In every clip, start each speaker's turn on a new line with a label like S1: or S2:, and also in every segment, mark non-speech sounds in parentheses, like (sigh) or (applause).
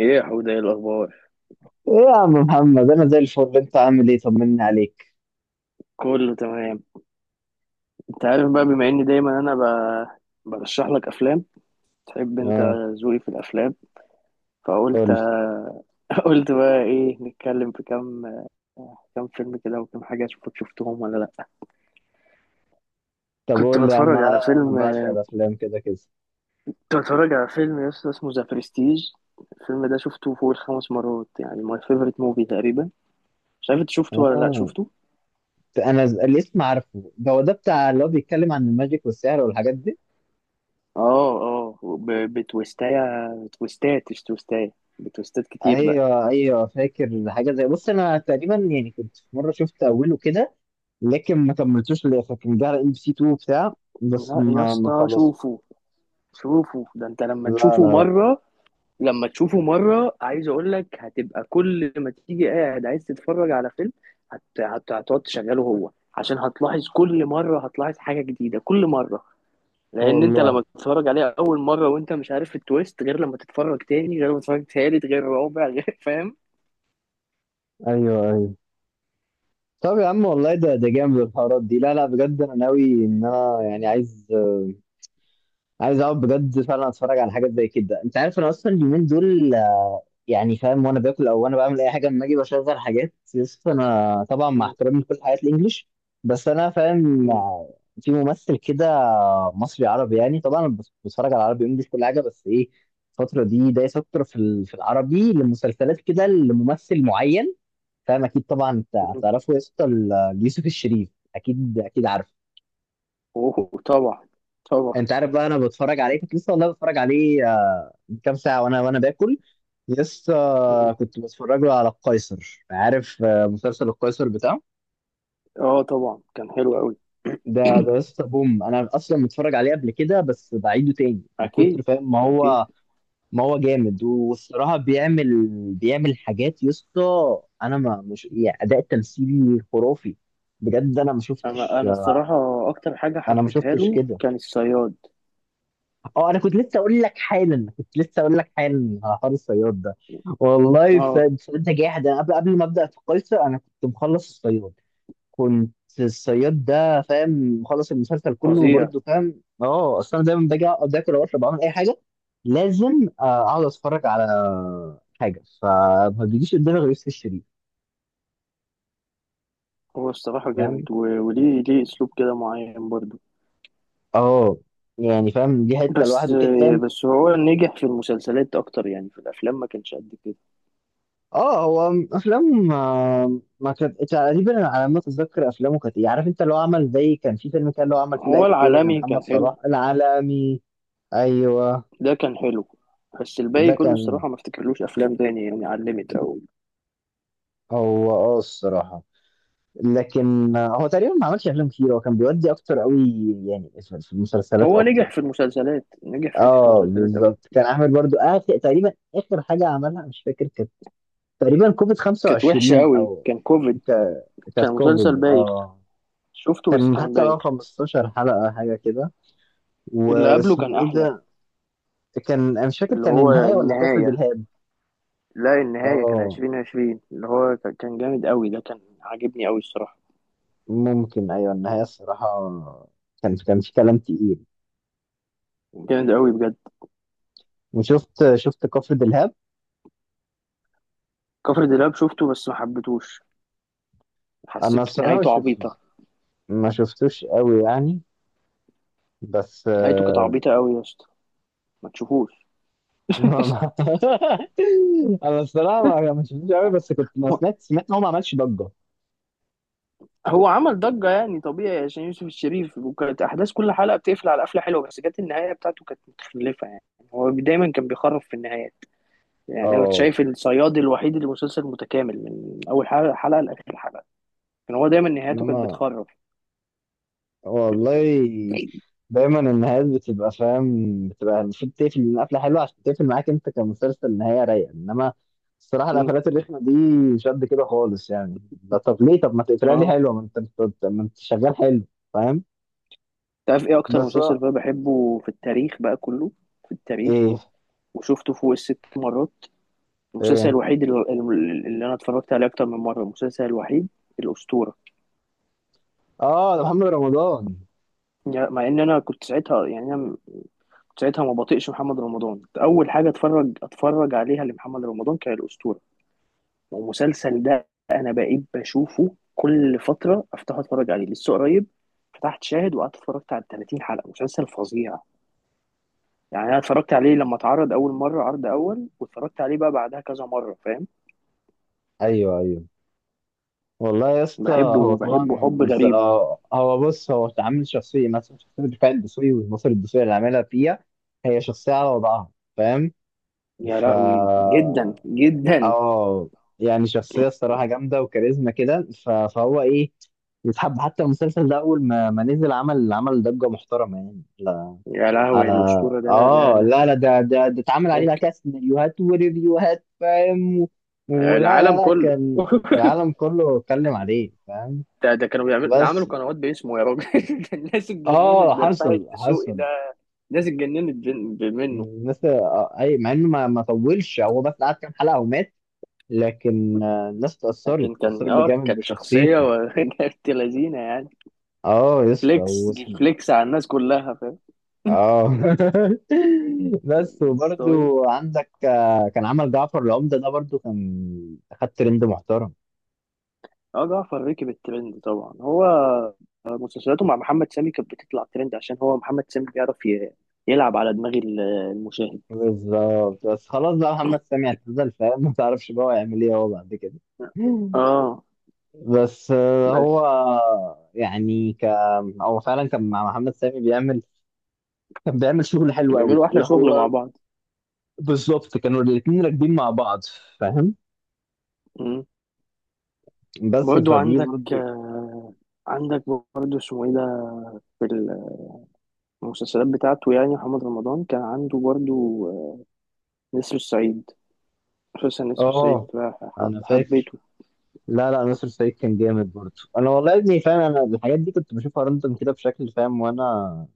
S1: ايه يا حوده، ايه الاخبار؟
S2: ايه يا عم محمد، انا زي الفل. انت عامل ايه؟ طمني عليك.
S1: كله تمام. انت عارف بقى، بما اني دايما انا برشح لك افلام تحب انت
S2: اه.
S1: ذوقي في الافلام. فقلت
S2: قول.
S1: (laughs) قلت بقى ايه، نتكلم في كام فيلم كده وكام حاجه، اشوفك شفتهم ولا لا.
S2: طب
S1: كنت
S2: قول لي يا عم،
S1: بتفرج على
S2: انا
S1: فيلم
S2: بعشق الافلام كده كده.
S1: كنت بتفرج على فيلم يا اسطى اسمه ذا برستيج. الفيلم ده شفته فوق الخمس مرات، يعني ماي فيفورت موفي تقريبا. مش عارف انت شفته ولا لا
S2: اه،
S1: شفته.
S2: انا الاسم عارفه. ده هو ده بتاع اللي هو بيتكلم عن الماجيك والسحر والحاجات دي.
S1: اه اه، بتويستات، مش تويستاية. بتويستات كتير بقى.
S2: ايوه ايوه، فاكر حاجه. زي بص انا تقريبا يعني كنت في مره شفت اوله كده، لكن ما كملتوش للاخر. كان جه على ام بي سي 2 بتاع، بس
S1: لا يا
S2: ما
S1: اسطى،
S2: خلص.
S1: شوفوا شوفوا ده، انت لما
S2: لا لا
S1: تشوفه
S2: لا.
S1: مرة، عايز اقول لك، هتبقى كل ما تيجي قاعد عايز تتفرج على فيلم، هتقعد تشغله هو، عشان هتلاحظ كل مرة، هتلاحظ حاجة جديدة كل مرة. لان انت
S2: والله.
S1: لما تتفرج عليه اول مرة وانت مش عارف التويست، غير لما تتفرج تاني، غير لما تتفرج تالت، غير رابع، غير، (laughs) فاهم؟
S2: ايوه ايوه. طب يا عم، والله ده جامد، الحوارات دي. لا لا، بجد انا ناوي ان انا يعني عايز اقعد بجد فعلا اتفرج على حاجات زي كده. انت عارف انا اصلا اليومين دول، يعني فاهم، وانا باكل او وانا بعمل اي حاجه لما اجي بشغل حاجات. يس، انا طبعا مع
S1: م-
S2: احترامي لكل حاجات الانجليش، بس انا فاهم،
S1: م-
S2: في ممثل كده مصري عربي، يعني طبعا أنا بتفرج على عربي انجليش كل حاجه. بس ايه، الفتره دي دايس اكتر في العربي، لمسلسلات كده لممثل معين. فاهم، اكيد طبعا انت
S1: م.
S2: هتعرفه يا اسطى، يوسف الشريف. اكيد اكيد عارفه.
S1: اوه، طبعا طبعا.
S2: انت عارف بقى، انا بتفرج عليه. كنت لسه والله بتفرج عليه من كام ساعه، وانا باكل. لسه
S1: م.
S2: كنت بتفرج له على القيصر. عارف مسلسل القيصر بتاعه.
S1: اه طبعا، كان حلو قوي.
S2: ده لسه بوم، انا اصلا متفرج عليه قبل كده، بس بعيده تاني من كتر
S1: اكيد
S2: فاهم. ما
S1: اكيد.
S2: هو ما هو جامد، والصراحه بيعمل حاجات يا اسطى. انا ما مش يعني اداء تمثيلي خرافي، بجد. انا ما
S1: انا
S2: شفتش
S1: انا
S2: آه،
S1: الصراحه، اكتر حاجه
S2: انا ما
S1: حبيتها
S2: شفتش
S1: له
S2: كده.
S1: كان الصياد.
S2: اه، انا كنت لسه اقول لك حالا، على حوار الصياد ده. والله
S1: اه،
S2: فانت جاحد. انا قبل ما ابدا في قيصر انا كنت مخلص الصياد. كنت. الصياد ده فاهم. مخلص المسلسل كله
S1: فظيع.
S2: وبرده فاهم. اه، اصل انا دايما باجي اقعد اكل او اشرب أو اعمل اي حاجه، لازم اقعد اتفرج على حاجه. فما بيجيش قدامي غير يوسف الشريف.
S1: هو الصراحه
S2: فاهم.
S1: جامد، وليه اسلوب كده معين برضه.
S2: اه. يعني فاهم دي حته
S1: بس
S2: لوحده كده زي.
S1: بس هو نجح في المسلسلات اكتر، يعني في الافلام ما كانش قد كده.
S2: اه، هو افلام ما كانت تقريبا، على ما اتذكر. افلامه كانت ايه، عارف انت اللي هو عمل، زي كان في فيلم كان اللي هو عمل فيه
S1: هو
S2: لعيب كوره زي
S1: العالمي
S2: محمد
S1: كان
S2: صلاح،
S1: حلو،
S2: العالمي. ايوه.
S1: ده كان حلو. بس الباقي
S2: ده
S1: كله
S2: كان.
S1: الصراحه ما افتكرلوش افلام تاني، يعني علمت قوي.
S2: هو اه الصراحه، لكن هو تقريبا ما عملش افلام كتير. هو كان بيودي اكتر قوي يعني في المسلسلات
S1: هو نجح
S2: اكتر.
S1: في المسلسلات، نجح في حته
S2: اه
S1: المسلسلات قوي.
S2: بالظبط، كان عامل برضو آخر تقريبا اخر حاجه عملها مش فاكر. كانت تقريبا كوفيد
S1: كانت وحشه
S2: 25
S1: قوي،
S2: او
S1: كان كوفيد.
S2: ك- كانت
S1: كان مسلسل
S2: كوفيد،
S1: بايخ،
S2: اه.
S1: شفته بس
S2: كان
S1: كان
S2: حتى
S1: بايخ.
S2: 15 حلقة حاجة كده.
S1: اللي قبله كان
S2: واسمه ايه
S1: احلى،
S2: ده؟ كان انا مش فاكر
S1: اللي
S2: كان
S1: هو
S2: النهاية ولا كفر
S1: النهايه.
S2: دلهاب.
S1: لا، النهاية كان
S2: اه
S1: 2020، اللي هو كان جامد قوي، ده كان عاجبني قوي الصراحة.
S2: ممكن، ايوه النهاية، الصراحة. كان في كلام تقيل.
S1: جامد قوي بجد.
S2: وشفت كفر دلهاب.
S1: كفر دلاب شفته بس ما حبيتهوش،
S2: انا
S1: حسيت
S2: الصراحة
S1: نهايته
S2: مش شف-
S1: عبيطة.
S2: ما شفتوش قوي يعني، بس
S1: نهايته كانت عبيطة قوي يا اسطى، ما تشوفوش.
S2: ما. (laughs) انا الصراحة ما شفتوش قوي، بس كنت ما
S1: هو
S2: سمعت ان هو ما عملش ضجة.
S1: هو عمل ضجة يعني طبيعي عشان يوسف الشريف، وكانت أحداث كل حلقة بتقفل على قفلة حلوة، بس جت النهاية بتاعته كانت متخلفة يعني. هو دايما كان بيخرف في النهايات. يعني أنا كنت
S2: اه.
S1: شايف الصياد الوحيد اللي مسلسل متكامل، من أول حلقة لآخر حلقة. كان هو دايما نهايته كانت
S2: انما
S1: بتخرف.
S2: والله، دايما النهايات بتبقى فاهم، بتبقى المفروض تقفل من قفله حلوه عشان تقفل معاك انت كمسلسل نهايه رايقه. انما الصراحه
S1: م.
S2: القفلات الرخمه دي مش قد كده خالص يعني. لا طب ليه؟ طب ما تقفلها لي
S1: اه،
S2: حلوه، ما انت شغال حلو. فاهم.
S1: تعرف ايه اكتر
S2: بس
S1: مسلسل بقى بحبه في التاريخ بقى كله، في التاريخ؟
S2: ايه
S1: وشفته فوق الست مرات. المسلسل
S2: ايه؟
S1: الوحيد اللي انا اتفرجت عليه اكتر من مره، المسلسل الوحيد، الاسطوره.
S2: اه ده محمد رمضان.
S1: يعني مع ان انا كنت ساعتها، يعني انا كنت ساعتها ما بطيقش محمد رمضان، اول حاجه اتفرج عليها لمحمد رمضان كان الاسطوره. والمسلسل ده انا بقيت بشوفه كل فتره، افتح اتفرج عليه لسه قريب، فتحت شاهد وقعدت اتفرجت على 30 حلقه، مسلسل فظيع. يعني انا اتفرجت عليه لما اتعرض اول مره، عرض اول، واتفرجت عليه بقى بعدها كذا مره، فاهم؟
S2: ايوه ايوه. والله يا اسطى، هو
S1: بحبه
S2: طبعا
S1: بحبه حب غريب.
S2: هو بص، هو عامل شخصيه مثلا، شخصيه دفاع الدسوقي والمصري الدسوقي اللي عاملها فيها. هي شخصيه على وضعها، فاهم.
S1: يا
S2: ف
S1: لهوي، جدا جدا.
S2: اه يعني شخصية الصراحة جامدة وكاريزما كده، فهو ايه، يتحب. حتى المسلسل ده اول ما نزل عمل ضجة محترمة يعني، لا.
S1: يا لهوي،
S2: على.
S1: الاسطوره ده، لا
S2: اه لا
S1: لا.
S2: لا، ده اتعمل عليه بقى
S1: ممكن
S2: كده سيناريوهات وريفيوهات فاهم. ولا لا
S1: العالم
S2: لا،
S1: كله.
S2: كان
S1: (laughs)
S2: العالم كله اتكلم عليه، فاهم.
S1: ده كانوا بيعملوا، ده عملوا
S2: بس.
S1: قنوات باسمه يا راجل. (laughs) الناس
S2: اه
S1: اتجننت برفاعي
S2: حصل
S1: الدسوقي
S2: حصل
S1: ده، الناس اتجننت منه.
S2: الناس اي، مع انه ما طولش، هو بس قعد كام حلقة ومات. لكن الناس اتأثرت
S1: لكن كان
S2: اتأثرت بجامد
S1: كانت شخصيه
S2: بشخصيته.
S1: (laughs) كانت لذينه يعني.
S2: اه يا اسطى
S1: فليكس
S2: وصل.
S1: فليكس على الناس كلها، فاهم.
S2: اه (laughs) بس
S1: (laughs)
S2: وبرضو عندك كان عمل جعفر العمدة ده برضو، كان خد ترند محترم.
S1: اه، جعفر ركب الترند طبعا، هو مسلسلاته مع محمد سامي كانت بتطلع ترند، عشان هو محمد سامي بيعرف يلعب على دماغ المشاهد.
S2: بالظبط. بس خلاص بقى، محمد سامي اعتزل فاهم (laughs) ما تعرفش بقى هو هيعمل ايه هو بعد كده.
S1: اه
S2: بس
S1: بس
S2: هو يعني هو فعلا كان مع محمد سامي بيعمل. كان بيعمل شغل حلو قوي،
S1: بيعملوا احلى
S2: اللي
S1: شغل مع
S2: هو،
S1: بعض.
S2: بالظبط. كانوا الاثنين راكبين مع بعض، فاهم.
S1: مم.
S2: بس
S1: برضو
S2: فدي
S1: عندك،
S2: برضو.
S1: عندك برضو اسمه ايه ده، في المسلسلات بتاعته. يعني محمد رمضان كان عنده برضو، نسر الصعيد. مسلسل نسر الصعيد
S2: اه
S1: ده
S2: انا فاكر.
S1: حبيته.
S2: لا لا، ناصر سعيد كان جامد برضو. انا والله يا ابني فاهم، انا الحاجات دي كنت بشوفها راندوم كده بشكل فاهم. وانا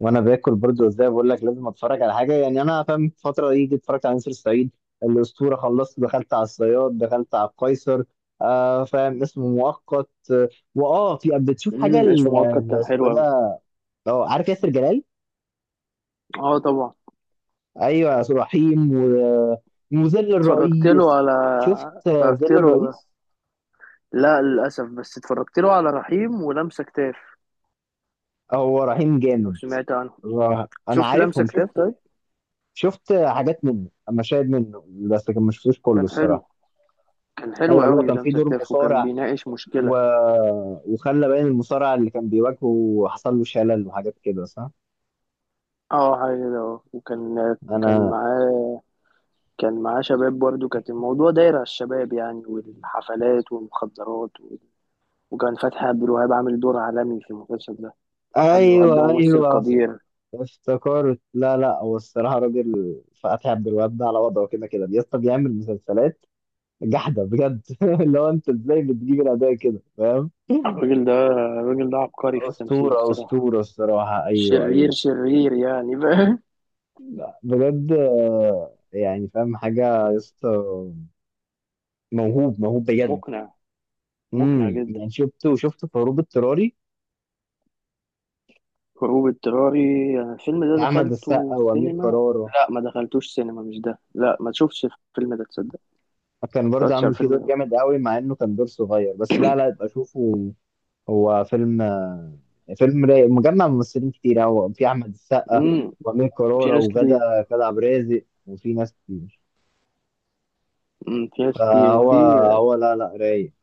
S2: وانا باكل برضو، ازاي بقول لك، لازم اتفرج على حاجه يعني. انا فاهم، في الفتره دي جيت اتفرجت على ناصر سعيد، الاسطوره، خلصت، دخلت على الصياد، دخلت على القيصر. آه فاهم، اسمه مؤقت. واه في بتشوف حاجه
S1: اسمه مؤقت كان
S2: اسمه
S1: حلو
S2: ايه ده؟
S1: أوي.
S2: اه عارف ياسر جلال.
S1: اه طبعا.
S2: ايوه، ياسر رحيم وظل
S1: اتفرجت له
S2: الرئيس.
S1: على
S2: شفت
S1: اتفرجت
S2: ظل
S1: له
S2: الرئيس.
S1: لا، للأسف، بس اتفرجت له على رحيم ولمسة كتاف.
S2: هو رهيم
S1: لو
S2: جامد.
S1: سمعت عنه،
S2: انا
S1: شفت لمسة
S2: عارفهم،
S1: كتاف؟
S2: شفت.
S1: طيب،
S2: شفت حاجات منه، مشاهد منه. بس كان، ما شفتوش كله
S1: كان حلو،
S2: الصراحه.
S1: كان حلو
S2: ايوه، اللي هو
S1: قوي
S2: كان في
S1: لمسة
S2: دور
S1: كتاف، وكان
S2: مصارع
S1: بيناقش مشكلة.
S2: و... وخلى باين المصارع اللي كان بيواجهه وحصل له شلل وحاجات كده، صح.
S1: اه حاجة كده، اه، وكان كان
S2: انا.
S1: معاه كان معاه شباب، برضه كانت الموضوع داير على الشباب يعني، والحفلات والمخدرات و... وكان فتحي عبد الوهاب عامل دور عالمي في المسلسل ده. فتحي عبد الوهاب
S2: ايوه
S1: ده ممثل
S2: ايوه.
S1: قدير.
S2: افتكرت، لا لا، هو الصراحه راجل. فتحي عبد الوهاب ده على وضعه كده كده، بيسطا بيعمل مسلسلات. جحده بجد (laughs) اللي هو، انت ازاي بتجيب الاداء كده فاهم (laughs)
S1: الراجل ده عبقري في التمثيل
S2: اسطوره
S1: الصراحة.
S2: اسطوره الصراحه، ايوه ايوه.
S1: شرير شرير يعني، فاهم.
S2: بجد يعني فاهم، حاجة يا اسطى، موهوب موهوب بجد.
S1: مقنع، مقنع جدا.
S2: يعني شفته في هروب اضطراري،
S1: هروب اضطراري، يعني الفيلم
S2: بتاع
S1: ده
S2: أحمد
S1: دخلته
S2: السقا وأمير
S1: السينما.
S2: كرارة.
S1: لا، ما دخلتوش سينما، مش ده، لا، ما تشوفش الفيلم ده تصدق.
S2: كان
S1: ما
S2: برضه
S1: اتفرجتش على
S2: عامل فيه
S1: الفيلم
S2: دور
S1: ده.
S2: جامد قوي، مع إنه كان دور صغير، بس لا لا يبقى شوفه. هو فيلم فيلم رايق، مجمع ممثلين كتير قوي. في أحمد السقا
S1: امم
S2: وأمير
S1: في
S2: كرارة
S1: ناس
S2: وغادة
S1: كتير،
S2: غادة عبد الرازق، وفي ناس كتير. فهو،
S1: وفي
S2: هو لا لا رايق.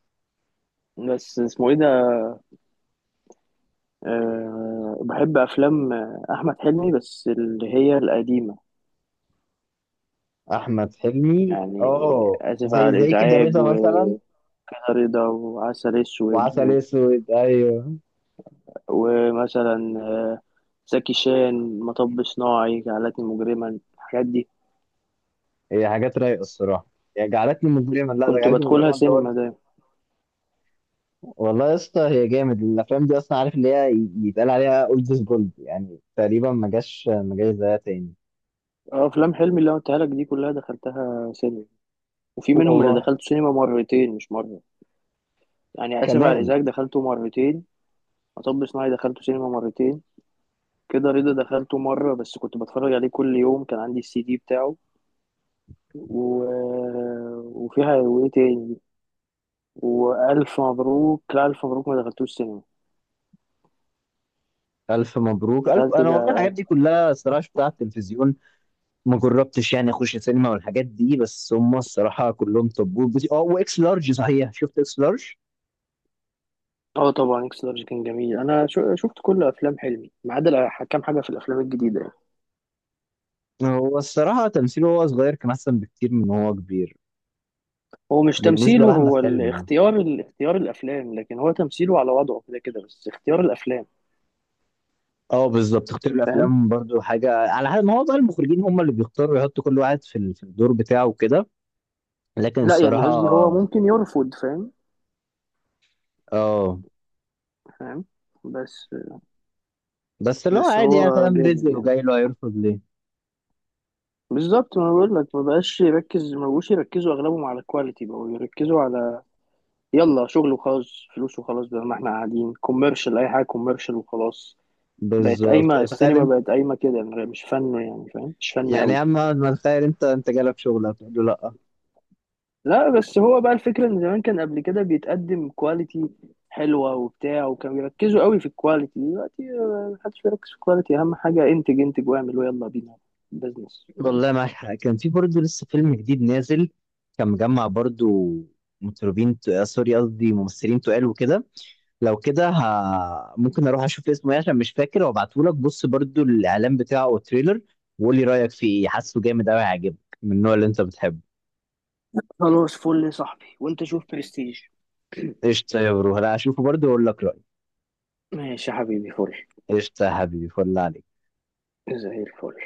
S1: ناس اسمه ايه ده. أه، بحب افلام احمد حلمي بس اللي هي القديمه،
S2: أحمد حلمي
S1: يعني
S2: اه،
S1: اسف
S2: زي
S1: على
S2: زي كده
S1: الازعاج
S2: رضا مثلا،
S1: وكده، رضا وعسل اسود
S2: وعسل اسود، ايوه.
S1: ومثلا زكي شان، مطب صناعي، جعلتني مجرما، الحاجات دي
S2: هي حاجات رايقه الصراحه. هي جعلتني مجرما، لا ده
S1: كنت
S2: جعلتني
S1: بدخلها
S2: مجرما ده
S1: سينما
S2: برضه.
S1: ده.
S2: والله يا اسطى، هي جامد الافلام دي اصلا. عارف اللي هي يتقال عليها اولد از جولد، يعني تقريبا ما جاش زيها تاني.
S1: اه، افلام حلمي اللي انا قلتها لك دي كلها دخلتها سينما، وفي منهم اللي
S2: والله.
S1: دخلته سينما مرتين مش مره. يعني اسف على
S2: كمان.
S1: الازعاج دخلته مرتين، مطب صناعي دخلته سينما مرتين، كده رضا دخلته مره بس كنت بتفرج عليه كل يوم، كان عندي السي دي بتاعه. و... آه، وفيها وايه تاني، والف مبروك، لا، الف مبروك ما دخلتوش سينما،
S2: الف مبروك. الف،
S1: دخلت
S2: انا
S1: جا...
S2: والله الحاجات دي كلها الصراحه شفتها على التلفزيون. ما جربتش يعني اخش سينما والحاجات دي، بس هم الصراحه كلهم طبول اه واكس لارج صحيح، شفت اكس لارج.
S1: اه طبعا، اكس لارج كان جميل، انا شفت كل افلام حلمي ما عدا كام حاجه في الافلام الجديده.
S2: هو الصراحه تمثيله وهو صغير كان احسن بكتير من هو كبير،
S1: هو مش
S2: بالنسبه
S1: تمثيله،
S2: لاحمد
S1: هو
S2: حلمي.
S1: الاختيار، الافلام، لكن هو تمثيله على وضعه كده كده، بس اختيار الافلام،
S2: اه بالظبط، اختيار
S1: فاهم.
S2: الافلام برضو حاجه، على حد ما هو بقى، المخرجين هم اللي بيختاروا يحطوا كل واحد في الدور بتاعه وكده. لكن
S1: لا يعني قصدي هو
S2: الصراحه،
S1: ممكن يرفض، فاهم
S2: اه،
S1: فاهم، بس
S2: بس اللي هو
S1: بس
S2: عادي يعني
S1: هو
S2: فاهم،
S1: جامد
S2: رزق
S1: يعني.
S2: وجاي له، هيرفض ليه؟
S1: بالظبط، ما بقول لك، ما بقاش يركز، ما بقوش يركزوا اغلبهم على الكواليتي، بقوا يركزوا على يلا شغل وخلاص، فلوس وخلاص، بدل ما احنا قاعدين كوميرشال، اي حاجه كوميرشال وخلاص. بقت
S2: بالظبط
S1: قايمه
S2: يعني، تخيل
S1: السينما،
S2: انت.
S1: بقت قايمه كده مش فن، يعني فاهم، مش فن
S2: يعني يا
S1: قوي.
S2: عم، ما تخيل انت جالك شغل هتقول له لا؟
S1: لا بس هو بقى الفكرة ان زمان كان قبل كده بيتقدم كواليتي حلوة وبتاع، وكانوا بيركزوا قوي في الكواليتي، دلوقتي محدش بيركز في الكواليتي، اهم حاجة انتج انتج واعمل ويلا بينا، بزنس فاهم.
S2: والله معاك حق. كان في برضو لسه فيلم جديد نازل، كان مجمع برضو مطربين سوري قصدي ممثلين تقال وكده. لو كده ممكن اروح اشوف اسمه ايه عشان مش فاكر، وابعته لك. بص برضو الاعلان بتاعه او التريلر، وقول لي رايك فيه ايه. حاسه جامد قوي، هيعجبك من النوع اللي انت بتحبه.
S1: خلاص، فل يا صاحبي، وانت شوف برستيج.
S2: قشطه يا برو، هلا اشوفه برضو واقول لك رايي.
S1: ماشي يا حبيبي، فل.
S2: قشطه يا حبيبي، فل عليك.
S1: زي الفل.